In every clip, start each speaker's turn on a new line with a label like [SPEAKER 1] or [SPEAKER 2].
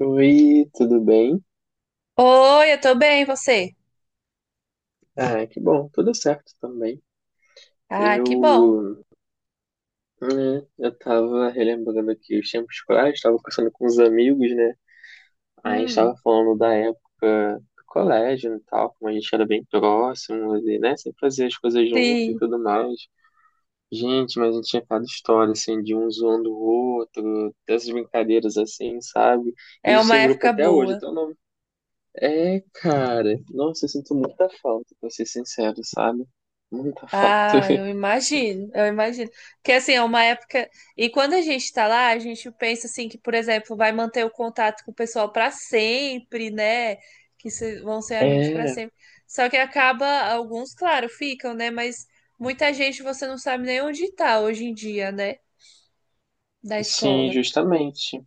[SPEAKER 1] Oi, tudo bem?
[SPEAKER 2] Oi, eu tô bem, e você?
[SPEAKER 1] Ah, que bom, tudo certo também.
[SPEAKER 2] Ah, que bom.
[SPEAKER 1] Eu, né, eu tava relembrando aqui os tempos escolares, tava conversando com os amigos, né? Aí a gente tava
[SPEAKER 2] Hum,
[SPEAKER 1] falando da época do colégio e tal, como a gente era bem próximo, e, né? Sempre fazia as coisas junto e
[SPEAKER 2] sim,
[SPEAKER 1] tudo mais. Gente, mas a gente tinha cada história, assim, de um zoando o outro, dessas brincadeiras assim, sabe? E a
[SPEAKER 2] é
[SPEAKER 1] gente
[SPEAKER 2] uma
[SPEAKER 1] tem grupo
[SPEAKER 2] época
[SPEAKER 1] até hoje,
[SPEAKER 2] boa.
[SPEAKER 1] até o é, cara. Nossa, eu sinto muita falta, pra ser sincero, sabe? Muita falta.
[SPEAKER 2] Ah, eu imagino, eu imagino. Porque assim, é uma época. E quando a gente tá lá, a gente pensa assim que, por exemplo, vai manter o contato com o pessoal pra sempre, né? Que vão ser amigos pra
[SPEAKER 1] É,
[SPEAKER 2] sempre. Só que acaba, alguns, claro, ficam, né? Mas muita gente você não sabe nem onde tá hoje em dia, né? Da
[SPEAKER 1] sim,
[SPEAKER 2] escola.
[SPEAKER 1] justamente.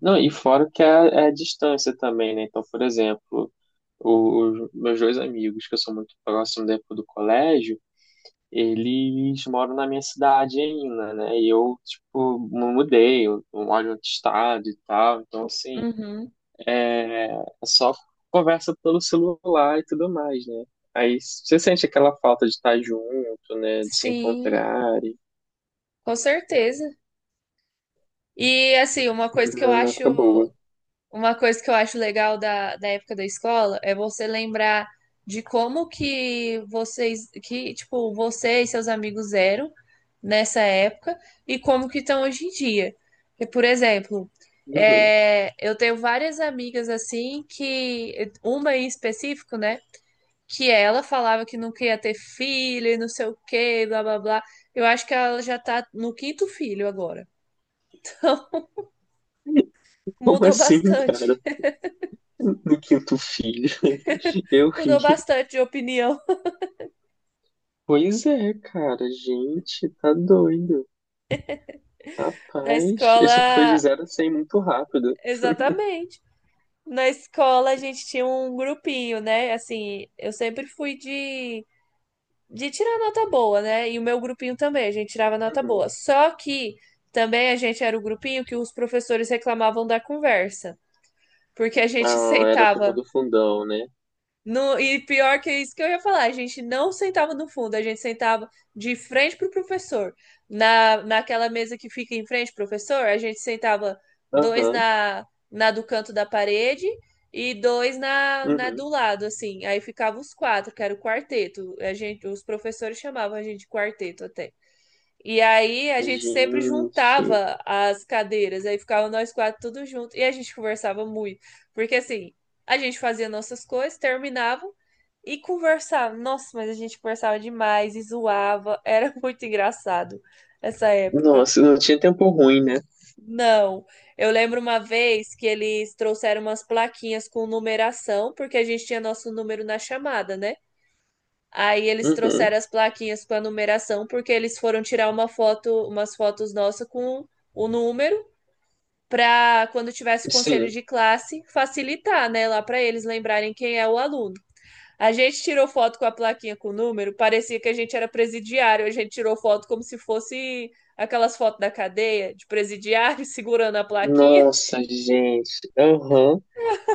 [SPEAKER 1] Não, e fora que é a distância também, né? Então, por exemplo, os meus dois amigos, que eu sou muito próximo da época do colégio, eles moram na minha cidade ainda, né? E eu, tipo, me mudei, eu moro em outro estado e tal. Então, assim,
[SPEAKER 2] Uhum.
[SPEAKER 1] é só conversa pelo celular e tudo mais, né? Aí você sente aquela falta de estar junto, né? De se
[SPEAKER 2] Sim,
[SPEAKER 1] encontrar e
[SPEAKER 2] com certeza. E assim, uma coisa que eu
[SPEAKER 1] não, não
[SPEAKER 2] acho,
[SPEAKER 1] acabou.
[SPEAKER 2] uma coisa que eu acho legal da época da escola é você lembrar de como que vocês, que tipo, você e seus amigos eram nessa época e como que estão hoje em dia. Porque, por exemplo,
[SPEAKER 1] Uhum.
[SPEAKER 2] é, eu tenho várias amigas assim que, uma em específico, né? Que ela falava que não queria ter filho e não sei o quê, blá blá blá. Eu acho que ela já tá no quinto filho agora.
[SPEAKER 1] Como
[SPEAKER 2] Mudou
[SPEAKER 1] assim,
[SPEAKER 2] bastante.
[SPEAKER 1] cara? No quinto filho? Eu
[SPEAKER 2] Mudou
[SPEAKER 1] ri.
[SPEAKER 2] bastante de opinião.
[SPEAKER 1] Pois é, cara. Gente, tá doido.
[SPEAKER 2] Na
[SPEAKER 1] Rapaz,
[SPEAKER 2] escola,
[SPEAKER 1] esse foi de zero a 100 muito rápido.
[SPEAKER 2] exatamente. Na escola a gente tinha um grupinho, né? Assim, eu sempre fui de tirar nota boa, né? E o meu grupinho também, a gente tirava nota
[SPEAKER 1] Uhum.
[SPEAKER 2] boa. Só que também a gente era o grupinho que os professores reclamavam da conversa, porque a gente
[SPEAKER 1] Ah, era a turma
[SPEAKER 2] sentava.
[SPEAKER 1] do fundão, né?
[SPEAKER 2] No, e pior que é isso que eu ia falar, a gente não sentava no fundo, a gente sentava de frente pro professor. Naquela mesa que fica em frente, professor, a gente sentava dois
[SPEAKER 1] Aham.
[SPEAKER 2] na do canto da parede e dois na do
[SPEAKER 1] Uhum.
[SPEAKER 2] lado, assim. Aí ficava os quatro, que era o quarteto. A gente, os professores chamavam a gente de quarteto até. E aí a gente sempre
[SPEAKER 1] Gente.
[SPEAKER 2] juntava as cadeiras, aí ficava nós quatro tudo junto e a gente conversava muito, porque assim, a gente fazia nossas coisas, terminava e conversava. Nossa, mas a gente conversava demais e zoava, era muito engraçado essa época.
[SPEAKER 1] Nossa, não tinha tempo ruim, né?
[SPEAKER 2] Não, eu lembro uma vez que eles trouxeram umas plaquinhas com numeração, porque a gente tinha nosso número na chamada, né? Aí eles
[SPEAKER 1] Uhum,
[SPEAKER 2] trouxeram as plaquinhas com a numeração, porque eles foram tirar uma foto, umas fotos nossas com o número, para quando tivesse conselho
[SPEAKER 1] sim.
[SPEAKER 2] de classe, facilitar, né, lá para eles lembrarem quem é o aluno. A gente tirou foto com a plaquinha com o número, parecia que a gente era presidiário, a gente tirou foto como se fosse aquelas fotos da cadeia, de presidiário segurando a plaquinha.
[SPEAKER 1] Nossa, gente. Aham.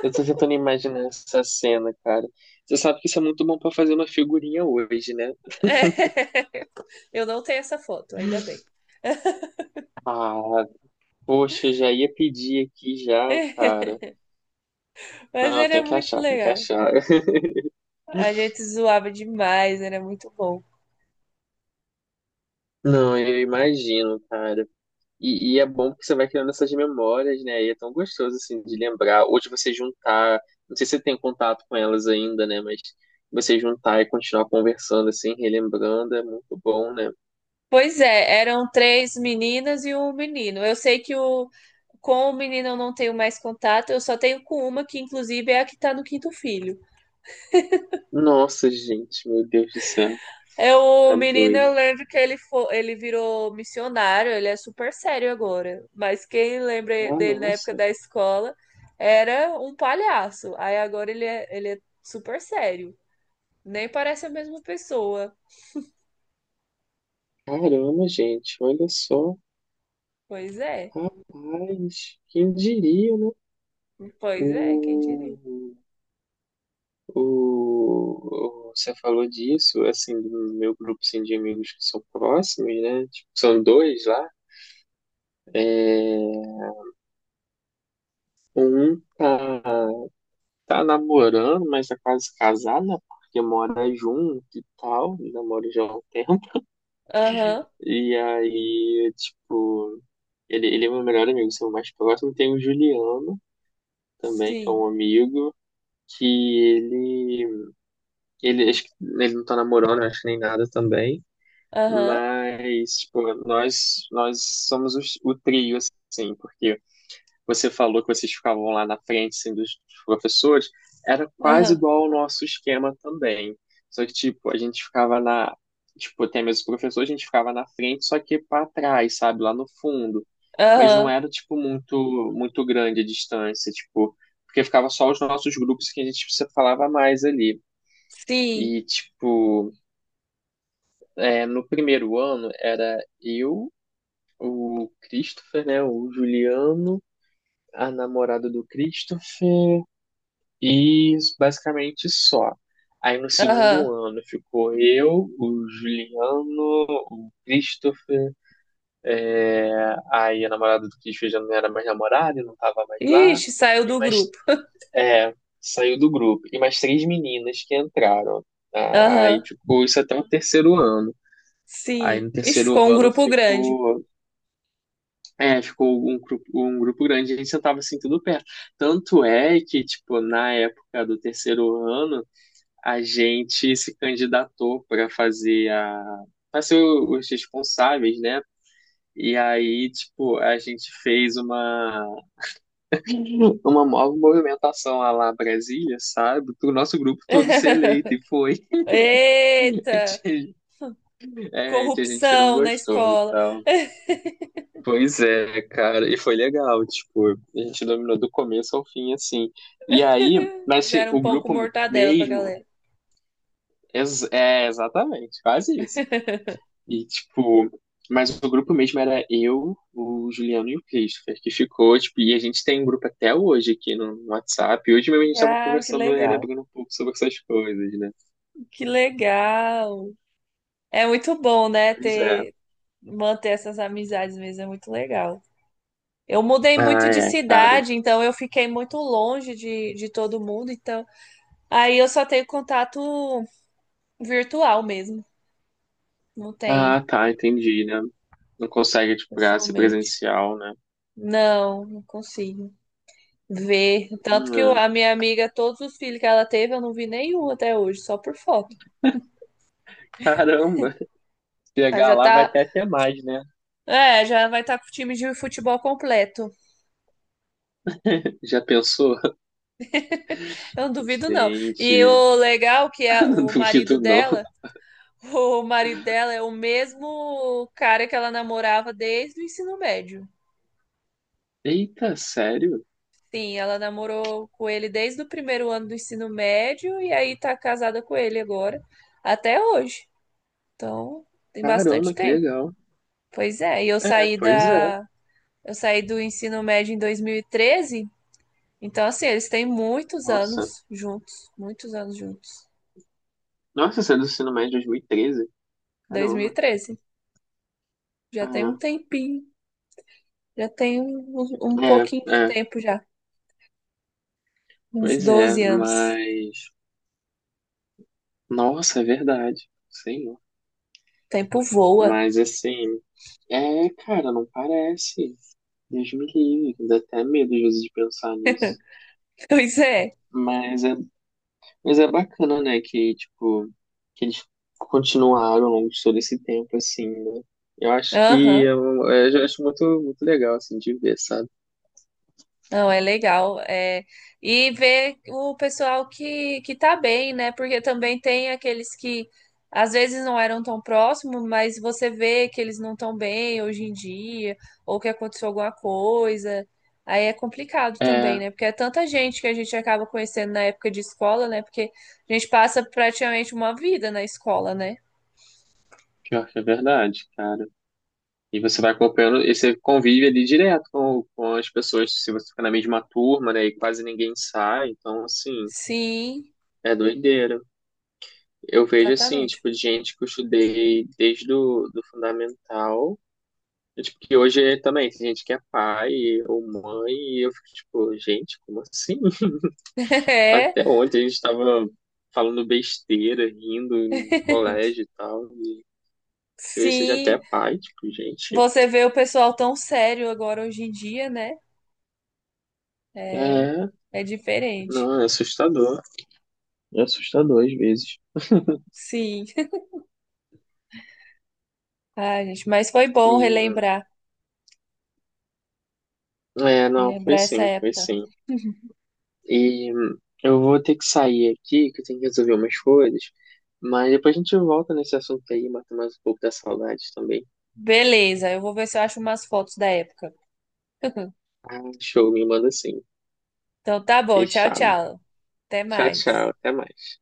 [SPEAKER 1] Eu tô tentando imaginar essa cena, cara. Você sabe que isso é muito bom pra fazer uma figurinha hoje, né?
[SPEAKER 2] Eu não tenho essa foto, ainda bem.
[SPEAKER 1] Ah, poxa, já ia pedir aqui já, cara.
[SPEAKER 2] Mas
[SPEAKER 1] Não,
[SPEAKER 2] era
[SPEAKER 1] tem que
[SPEAKER 2] muito
[SPEAKER 1] achar, tem que
[SPEAKER 2] legal.
[SPEAKER 1] achar.
[SPEAKER 2] A gente zoava demais, era muito bom.
[SPEAKER 1] Não, eu imagino, cara. E é bom porque você vai criando essas memórias, né? E é tão gostoso, assim, de lembrar. Ou de você juntar. Não sei se você tem contato com elas ainda, né? Mas você juntar e continuar conversando, assim, relembrando, é muito bom, né?
[SPEAKER 2] Pois é, eram três meninas e um menino. Eu sei que com o menino eu não tenho mais contato, eu só tenho com uma, que inclusive é a que tá no quinto filho.
[SPEAKER 1] Nossa, gente, meu Deus do céu,
[SPEAKER 2] É o
[SPEAKER 1] tá
[SPEAKER 2] menino, eu
[SPEAKER 1] doido.
[SPEAKER 2] lembro que ele virou missionário, ele é, super sério agora. Mas quem lembra
[SPEAKER 1] Ah,
[SPEAKER 2] dele na época
[SPEAKER 1] nossa,
[SPEAKER 2] da escola era um palhaço. Aí agora ele é super sério. Nem parece a mesma pessoa.
[SPEAKER 1] caramba, gente, olha só.
[SPEAKER 2] Pois é,
[SPEAKER 1] Rapaz, quem diria, né?
[SPEAKER 2] pois é, quem diria.
[SPEAKER 1] O, Você falou disso, assim, do meu grupo assim, de amigos que são próximos, né? Tipo, são dois lá. É, um tá, tá namorando, mas tá quase casado, né? Porque mora junto e tal, namora já há um tempo.
[SPEAKER 2] Aham.
[SPEAKER 1] E aí, tipo. Ele é meu melhor amigo, seu mais próximo. Tem o Juliano também, que é
[SPEAKER 2] Sim.
[SPEAKER 1] um amigo, que acho que ele não tá namorando, acho que nem nada também.
[SPEAKER 2] Aham.
[SPEAKER 1] Mas, tipo, nós somos o trio, assim, porque você falou que vocês ficavam lá na frente, assim, dos professores, era quase
[SPEAKER 2] Aham.
[SPEAKER 1] igual ao nosso esquema também. Só que, tipo, a gente ficava na. Tipo, até mesmo os professores a gente ficava na frente, só que para trás, sabe? Lá no fundo. Mas não
[SPEAKER 2] Aham.
[SPEAKER 1] era, tipo, muito grande a distância, tipo. Porque ficava só os nossos grupos que a gente se falava mais ali.
[SPEAKER 2] Sim.
[SPEAKER 1] E, tipo, é, no primeiro ano era eu, o Christopher, né? O Juliano, a namorada do Christopher. E basicamente só. Aí no
[SPEAKER 2] Aham.
[SPEAKER 1] segundo ano ficou eu, o Juliano, o Christopher, aí a namorada do Christopher já não era mais namorada, não tava mais lá,
[SPEAKER 2] Ixi, saiu
[SPEAKER 1] e
[SPEAKER 2] do
[SPEAKER 1] mais,
[SPEAKER 2] grupo.
[SPEAKER 1] é, saiu do grupo. E mais três meninas que entraram. Ah, aí
[SPEAKER 2] Aham.
[SPEAKER 1] ficou isso até o terceiro ano. Aí
[SPEAKER 2] Sim.
[SPEAKER 1] no
[SPEAKER 2] Ixi,
[SPEAKER 1] terceiro
[SPEAKER 2] ficou um
[SPEAKER 1] ano
[SPEAKER 2] grupo grande.
[SPEAKER 1] ficou, é, ficou um grupo grande, a gente sentava assim tudo perto. Tanto é que, tipo, na época do terceiro ano, a gente se candidatou para fazer a para ser os responsáveis, né? E aí, tipo, a gente fez uma nova movimentação lá Brasília, sabe? Para o nosso grupo todo ser eleito e foi.
[SPEAKER 2] Eita!
[SPEAKER 1] É, que a gente não
[SPEAKER 2] Corrupção na
[SPEAKER 1] gostou e
[SPEAKER 2] escola.
[SPEAKER 1] tal. Pois é, cara, e foi legal, tipo, a gente dominou do começo ao fim, assim. E aí, mas assim,
[SPEAKER 2] Fizeram
[SPEAKER 1] o
[SPEAKER 2] pão com
[SPEAKER 1] grupo
[SPEAKER 2] mortadela pra
[SPEAKER 1] mesmo,
[SPEAKER 2] galera.
[SPEAKER 1] é exatamente, quase isso. E, tipo, mas o grupo mesmo era eu, o Juliano e o Christopher, que ficou, tipo, e a gente tem um grupo até hoje aqui no WhatsApp. E hoje mesmo a gente tava
[SPEAKER 2] Ah, que
[SPEAKER 1] conversando,
[SPEAKER 2] legal.
[SPEAKER 1] relembrando um pouco sobre essas coisas, né?
[SPEAKER 2] Que legal. É muito bom, né,
[SPEAKER 1] Pois é.
[SPEAKER 2] ter manter essas amizades mesmo, é muito legal. Eu mudei
[SPEAKER 1] Ah,
[SPEAKER 2] muito de
[SPEAKER 1] é, cara.
[SPEAKER 2] cidade, então eu fiquei muito longe de todo mundo, então. Aí eu só tenho contato virtual mesmo. Não tem
[SPEAKER 1] Ah, tá, entendi, né? Não consegue, tipo, pra ser
[SPEAKER 2] pessoalmente.
[SPEAKER 1] presencial, né?
[SPEAKER 2] Não, não consigo ver. Tanto que
[SPEAKER 1] Hum,
[SPEAKER 2] a minha amiga, todos os filhos que ela teve, eu não vi nenhum até hoje, só por foto.
[SPEAKER 1] caramba!
[SPEAKER 2] Ela
[SPEAKER 1] Chegar
[SPEAKER 2] já
[SPEAKER 1] lá vai
[SPEAKER 2] tá.
[SPEAKER 1] ter até mais, né?
[SPEAKER 2] É, já vai estar com o time de futebol completo.
[SPEAKER 1] Já pensou?
[SPEAKER 2] Eu não duvido, não. E
[SPEAKER 1] Gente,
[SPEAKER 2] o legal que é
[SPEAKER 1] não
[SPEAKER 2] o marido
[SPEAKER 1] duvido não.
[SPEAKER 2] dela, o marido dela é o mesmo cara que ela namorava desde o ensino médio.
[SPEAKER 1] Eita, sério?
[SPEAKER 2] Sim, ela namorou com ele desde o primeiro ano do ensino médio e aí tá casada com ele agora, até hoje. Então, tem
[SPEAKER 1] Caramba,
[SPEAKER 2] bastante
[SPEAKER 1] que
[SPEAKER 2] tempo.
[SPEAKER 1] legal.
[SPEAKER 2] Pois é, e eu
[SPEAKER 1] É,
[SPEAKER 2] saí
[SPEAKER 1] pois é.
[SPEAKER 2] da eu saí do ensino médio em 2013, então assim, eles têm muitos
[SPEAKER 1] Nossa.
[SPEAKER 2] anos juntos, muitos anos juntos.
[SPEAKER 1] Nossa, saiu do ensino médio em 2013. Caramba.
[SPEAKER 2] 2013, já tem
[SPEAKER 1] Ah,
[SPEAKER 2] um tempinho, já tem um
[SPEAKER 1] é,
[SPEAKER 2] pouquinho de
[SPEAKER 1] é,
[SPEAKER 2] tempo já, uns
[SPEAKER 1] pois é,
[SPEAKER 2] 12 anos.
[SPEAKER 1] mas. Nossa, é verdade, sim.
[SPEAKER 2] O tempo voa.
[SPEAKER 1] Mas assim. É, cara, não parece. Deus me livre, dá até medo às vezes de pensar nisso.
[SPEAKER 2] Pois é.
[SPEAKER 1] Mas é, mas é bacana, né, que, tipo, que eles continuaram ao longo de todo esse tempo, assim, né? Eu acho que
[SPEAKER 2] Aham.
[SPEAKER 1] eu, eu acho muito legal, assim, de ver, sabe?
[SPEAKER 2] Não, é legal. É. E ver o pessoal que tá bem, né? Porque também tem aqueles que às vezes não eram tão próximos, mas você vê que eles não estão bem hoje em dia, ou que aconteceu alguma coisa. Aí é complicado também,
[SPEAKER 1] É,
[SPEAKER 2] né? Porque é tanta gente que a gente acaba conhecendo na época de escola, né? Porque a gente passa praticamente uma vida na escola, né?
[SPEAKER 1] pior que é verdade, cara. E você vai acompanhando, e você convive ali direto com as pessoas, se você fica na mesma turma, né, e quase ninguém sai, então, assim,
[SPEAKER 2] Sim,
[SPEAKER 1] é doideira. Eu vejo, assim,
[SPEAKER 2] exatamente.
[SPEAKER 1] tipo, de gente que eu estudei desde do fundamental, e, tipo, que hoje é também tem gente que é pai ou mãe, e eu fico, tipo, gente, como assim?
[SPEAKER 2] É,
[SPEAKER 1] Até ontem a gente tava falando besteira, rindo em colégio e tal, e se você já até é
[SPEAKER 2] sim.
[SPEAKER 1] pai, tipo, gente,
[SPEAKER 2] Você vê o pessoal tão sério agora hoje em dia, né? É,
[SPEAKER 1] é,
[SPEAKER 2] é diferente.
[SPEAKER 1] não, é assustador. É assustador às vezes.
[SPEAKER 2] Sim. Ah, gente, mas foi bom
[SPEAKER 1] E,
[SPEAKER 2] relembrar,
[SPEAKER 1] é, não, foi
[SPEAKER 2] relembrar essa
[SPEAKER 1] sim, foi
[SPEAKER 2] época.
[SPEAKER 1] sim. E eu vou ter que sair aqui, que eu tenho que resolver umas coisas, mas depois a gente volta nesse assunto aí, mata mais um pouco da saudade também.
[SPEAKER 2] Beleza, eu vou ver se eu acho umas fotos da época.
[SPEAKER 1] Ah, show, me manda sim.
[SPEAKER 2] Então tá bom, tchau,
[SPEAKER 1] Fechado.
[SPEAKER 2] tchau. Até
[SPEAKER 1] Tchau, tchau,
[SPEAKER 2] mais.
[SPEAKER 1] até mais.